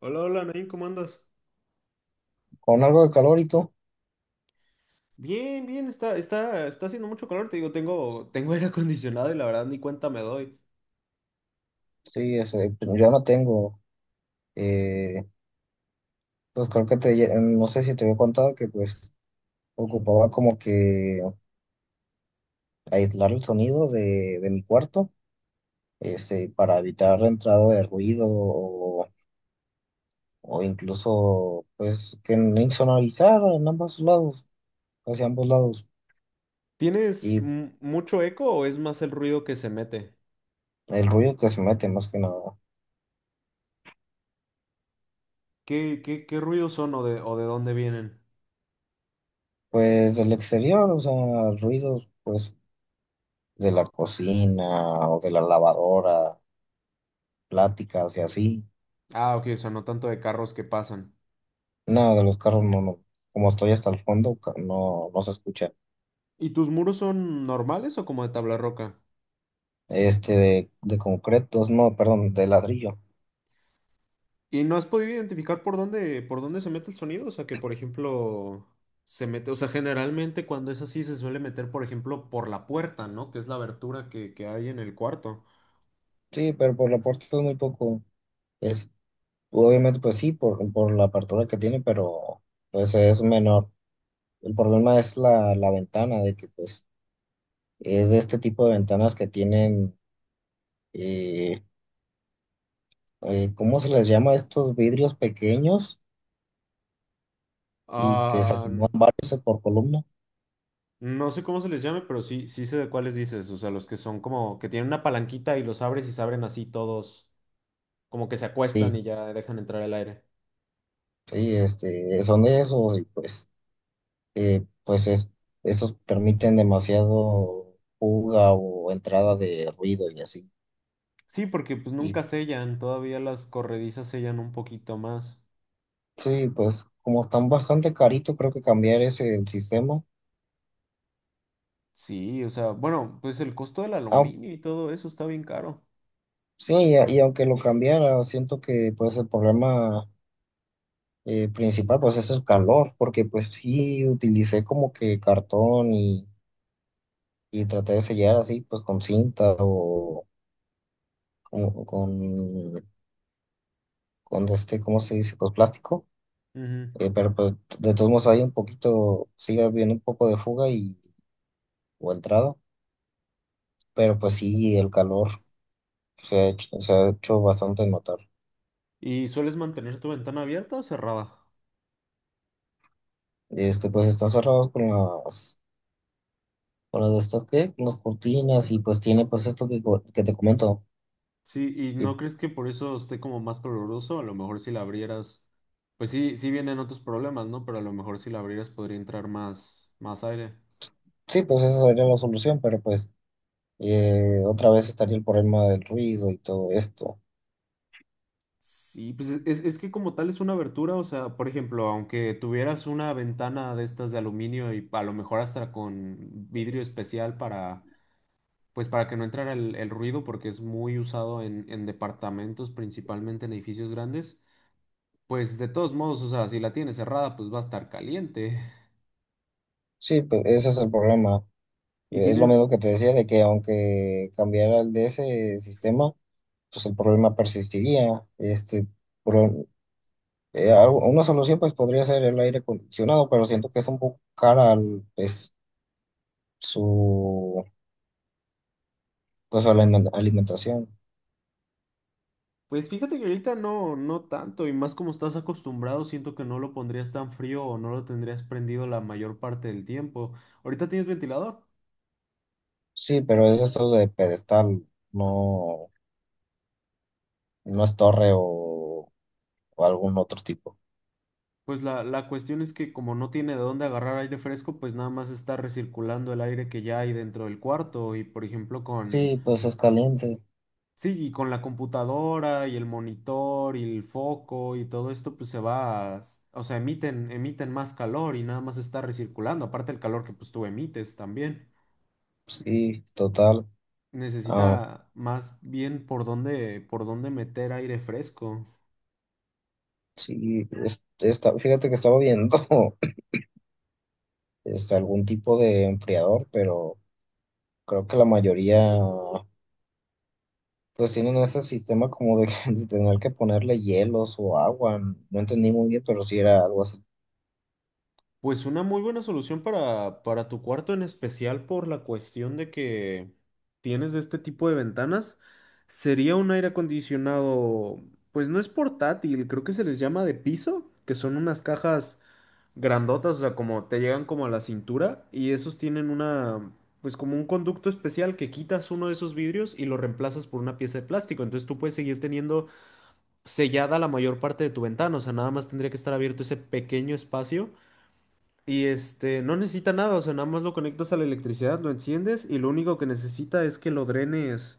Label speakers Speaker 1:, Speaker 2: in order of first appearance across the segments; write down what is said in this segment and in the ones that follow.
Speaker 1: Hola, hola, Nain, ¿cómo andas?
Speaker 2: Con algo de calor, ¿y tú?
Speaker 1: Bien, bien, está haciendo mucho calor, te digo, tengo aire acondicionado y la verdad ni cuenta me doy.
Speaker 2: Sí, ese, pues, yo no tengo, eh, pues creo que te, no sé si te había contado que pues ocupaba como que aislar el sonido de mi cuarto, este, para evitar la entrada de ruido o incluso pues que no, insonorizar en ambos lados, hacia ambos lados,
Speaker 1: ¿Tienes
Speaker 2: y
Speaker 1: mucho eco o es más el ruido que se mete?
Speaker 2: el ruido que se mete más que nada,
Speaker 1: ¿Qué ruidos son o de dónde vienen?
Speaker 2: pues del exterior, o sea, ruidos pues de la cocina o de la lavadora, pláticas y así.
Speaker 1: Ah, ok, o sea, no tanto de carros que pasan.
Speaker 2: No, de los carros no, no. Como estoy hasta el fondo, no, no se escucha.
Speaker 1: ¿Y tus muros son normales o como de tabla roca?
Speaker 2: Este de concretos, no, perdón, de ladrillo.
Speaker 1: ¿Y no has podido identificar por dónde se mete el sonido? O sea, que por ejemplo, se mete, o sea, generalmente cuando es así se suele meter, por ejemplo, por la puerta, ¿no? Que es la abertura que hay en el cuarto.
Speaker 2: Sí, pero por la puerta es muy poco. Es, obviamente, pues sí, por la apertura que tiene, pero pues es menor. El problema es la ventana, de que pues es de este tipo de ventanas que tienen, eh, ¿cómo se les llama? Estos vidrios pequeños y que se
Speaker 1: Ah,
Speaker 2: acomodan varios por columna.
Speaker 1: no sé cómo se les llame, pero sí, sí sé de cuáles dices. O sea, los que son como que tienen una palanquita y los abres y se abren así todos, como que se acuestan
Speaker 2: Sí.
Speaker 1: y ya dejan entrar el aire.
Speaker 2: Sí, este, son esos y pues, pues es, estos permiten demasiado fuga o entrada de ruido y así.
Speaker 1: Sí, porque pues
Speaker 2: Y
Speaker 1: nunca sellan, todavía las corredizas sellan un poquito más.
Speaker 2: sí, pues como están bastante caritos, creo que cambiar ese el sistema.
Speaker 1: Sí, o sea, bueno, pues el costo del
Speaker 2: Au-
Speaker 1: aluminio y todo eso está bien caro.
Speaker 2: sí, y, y aunque lo cambiara, siento que pues el problema, principal, pues es el calor, porque pues sí utilicé como que cartón y traté de sellar así pues con cinta o con, con, con este, ¿cómo se dice? Pues plástico.
Speaker 1: Ujú.
Speaker 2: Pero pues, de todos modos hay un poquito, sigue habiendo un poco de fuga y, o entrada, pero pues sí, el calor se ha hecho bastante notar.
Speaker 1: ¿Y sueles mantener tu ventana abierta o cerrada?
Speaker 2: Este, pues están cerrados con las de estas, ¿qué? Con las cortinas y pues tiene pues esto que, que te comento.
Speaker 1: Sí, ¿y
Speaker 2: Y
Speaker 1: no crees que por eso esté como más coloroso? A lo mejor si la abrieras, pues sí, sí vienen otros problemas, ¿no? Pero a lo mejor si la abrieras podría entrar más aire.
Speaker 2: sí, pues esa sería la solución, pero pues otra vez estaría el problema del ruido y todo esto.
Speaker 1: Sí, pues es que como tal es una abertura, o sea, por ejemplo, aunque tuvieras una ventana de estas de aluminio y a lo mejor hasta con vidrio especial para, pues para que no entrara el ruido, porque es muy usado en departamentos, principalmente en edificios grandes, pues de todos modos, o sea, si la tienes cerrada, pues va a estar caliente.
Speaker 2: Sí, pues ese es el problema.
Speaker 1: Y
Speaker 2: Es lo
Speaker 1: tienes
Speaker 2: mismo que te decía de que aunque cambiara el de ese sistema, pues el problema persistiría. Este, pro- una solución pues podría ser el aire acondicionado, pero siento que es un poco cara al, pues, su, pues, a la alimentación.
Speaker 1: Pues fíjate que ahorita no, no tanto, y más como estás acostumbrado, siento que no lo pondrías tan frío o no lo tendrías prendido la mayor parte del tiempo. Ahorita tienes ventilador.
Speaker 2: Sí, pero es esto de pedestal, no, no es torre o algún otro tipo.
Speaker 1: Pues la cuestión es que como no tiene de dónde agarrar aire fresco, pues nada más está recirculando el aire que ya hay dentro del cuarto. Y por ejemplo
Speaker 2: Sí, pues es caliente,
Speaker 1: sí, y con la computadora y el monitor y el foco y todo esto, pues se va, o sea, emiten más calor y nada más está recirculando, aparte el calor que pues tú emites también.
Speaker 2: sí, total. Ah,
Speaker 1: Necesita más bien por dónde meter aire fresco.
Speaker 2: sí, fíjate que estaba viendo. Este, algún tipo de enfriador, pero creo que la mayoría pues tienen ese sistema como de, de tener que ponerle hielos o agua. No entendí muy bien, pero sí era algo así.
Speaker 1: Pues una muy buena solución para tu cuarto, en especial por la cuestión de que tienes este tipo de ventanas, sería un aire acondicionado, pues no es portátil, creo que se les llama de piso, que son unas cajas grandotas, o sea, como te llegan como a la cintura y esos tienen una, pues como un conducto especial que quitas uno de esos vidrios y lo reemplazas por una pieza de plástico, entonces tú puedes seguir teniendo sellada la mayor parte de tu ventana, o sea, nada más tendría que estar abierto ese pequeño espacio y este, no necesita nada, o sea, nada más lo conectas a la electricidad, lo enciendes y lo único que necesita es que lo drenes.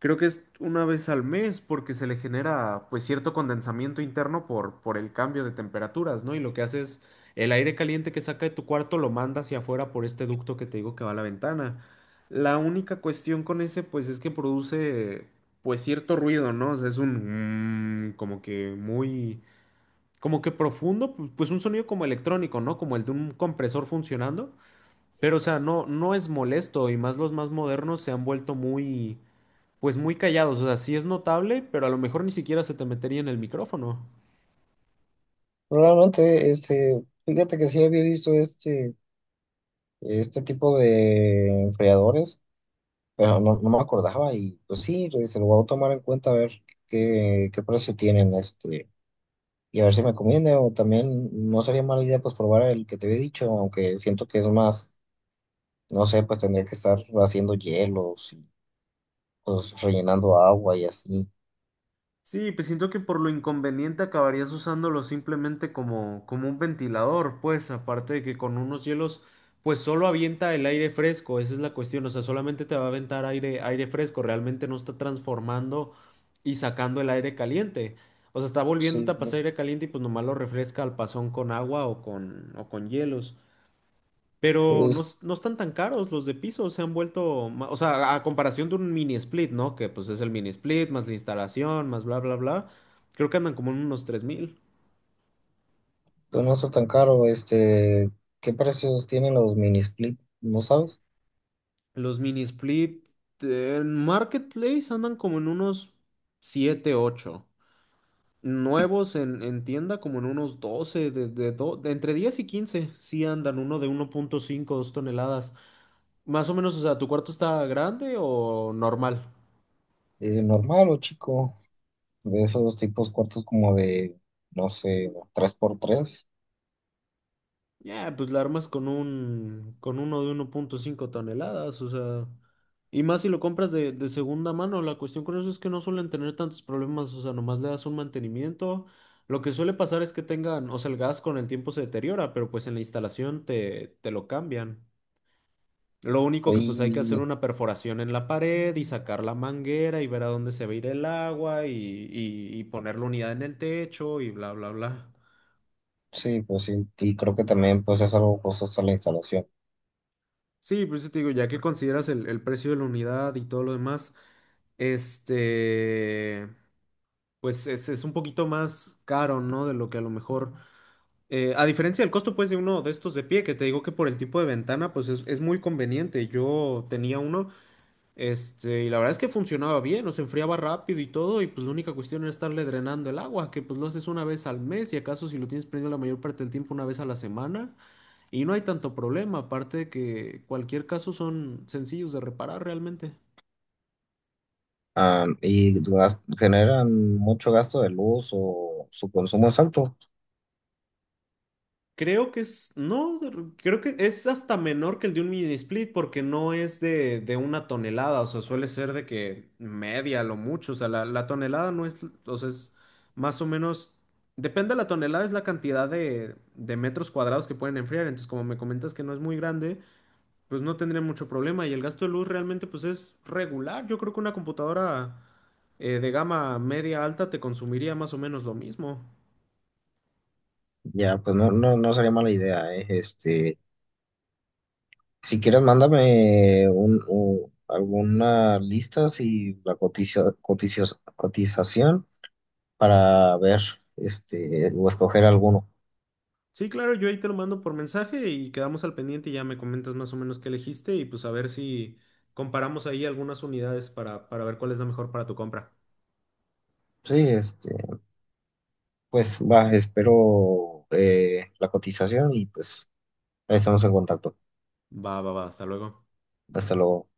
Speaker 1: Creo que es una vez al mes porque se le genera pues cierto condensamiento interno por el cambio de temperaturas, ¿no? Y lo que hace es el aire caliente que saca de tu cuarto lo manda hacia afuera por este ducto que te digo que va a la ventana. La única cuestión con ese pues es que produce pues cierto ruido, ¿no? O sea, es un como que muy como que profundo, pues un sonido como electrónico, ¿no? Como el de un compresor funcionando, pero o sea, no es molesto y más los más modernos se han vuelto muy pues muy callados, o sea, sí es notable, pero a lo mejor ni siquiera se te metería en el micrófono.
Speaker 2: Probablemente, este, fíjate que sí había visto este, este tipo de enfriadores, pero no, no me acordaba y pues sí, pues, se lo voy a tomar en cuenta a ver qué, qué precio tienen este. Y a ver si me conviene o también no sería mala idea pues probar el que te había dicho, aunque siento que es más. No sé, pues tendría que estar haciendo hielos y pues rellenando agua y así.
Speaker 1: Sí, pues siento que por lo inconveniente acabarías usándolo simplemente como un ventilador, pues aparte de que con unos hielos, pues solo avienta el aire fresco, esa es la cuestión, o sea, solamente te va a aventar aire fresco, realmente no está transformando y sacando el aire caliente. O sea, está volviéndote
Speaker 2: Sí,
Speaker 1: a pasar
Speaker 2: no.
Speaker 1: aire caliente y pues nomás lo refresca al pasón con agua o o con hielos. Pero no,
Speaker 2: Es-
Speaker 1: no están tan caros los de piso, se han vuelto, o sea, a comparación de un mini split, ¿no? Que pues es el mini split, más la instalación, más bla, bla, bla. Creo que andan como en unos 3,000.
Speaker 2: pues, no está tan caro. Este, ¿qué precios tienen los mini split? ¿No sabes?
Speaker 1: Los mini split en Marketplace andan como en unos 7-8. Nuevos en tienda como en unos 12 de, de entre 10 y 15. Sí andan uno de 1,5 2 toneladas. Más o menos, o sea, ¿tu cuarto está grande o normal?
Speaker 2: Normal o chico, de esos tipos cuartos como de, no sé, 3 por 3.
Speaker 1: Ya, pues la armas con con uno de 1,5 toneladas, o sea, y más si lo compras de segunda mano, la cuestión con eso es que no suelen tener tantos problemas, o sea, nomás le das un mantenimiento. Lo que suele pasar es que tengan, o sea, el gas con el tiempo se deteriora, pero pues en la instalación te lo cambian. Lo único que pues hay que hacer
Speaker 2: Y
Speaker 1: una perforación en la pared y sacar la manguera y ver a dónde se va a ir el agua y poner la unidad en el techo y bla, bla, bla.
Speaker 2: sí, pues sí, y creo que también pues es algo costosa la instalación.
Speaker 1: Sí, pues yo te digo, ya que consideras el precio de la unidad y todo lo demás, este, pues es un poquito más caro, ¿no? De lo que a lo mejor, a diferencia del costo, pues, de uno de estos de pie, que te digo que por el tipo de ventana, pues es muy conveniente. Yo tenía uno, este, y la verdad es que funcionaba bien, o se enfriaba rápido y todo, y pues la única cuestión era estarle drenando el agua, que pues lo haces una vez al mes, y acaso si lo tienes prendido la mayor parte del tiempo, una vez a la semana. Y no hay tanto problema, aparte de que cualquier caso son sencillos de reparar realmente.
Speaker 2: Ah, y generan mucho gasto de luz o su consumo es alto.
Speaker 1: Creo que es, no, creo que es hasta menor que el de un mini split porque no es de una tonelada, o sea, suele ser de que media, lo mucho, o sea, la tonelada no es, o sea, es más o menos, depende de la tonelada, es la cantidad de metros cuadrados que pueden enfriar, entonces como me comentas que no es muy grande, pues no tendría mucho problema y el gasto de luz realmente pues es regular, yo creo que una computadora... de gama media alta te consumiría más o menos lo mismo.
Speaker 2: Ya, pues no, no, no sería mala idea, eh. Este, si quieres, mándame un, alguna lista y la cotización para ver este, o escoger alguno.
Speaker 1: Sí, claro, yo ahí te lo mando por mensaje y quedamos al pendiente y ya me comentas más o menos qué elegiste y pues a ver si comparamos ahí algunas unidades para ver cuál es la mejor para tu compra.
Speaker 2: Sí, este, pues va, espero la cotización y pues ahí estamos en contacto.
Speaker 1: Va, va, va, hasta luego.
Speaker 2: Hasta luego.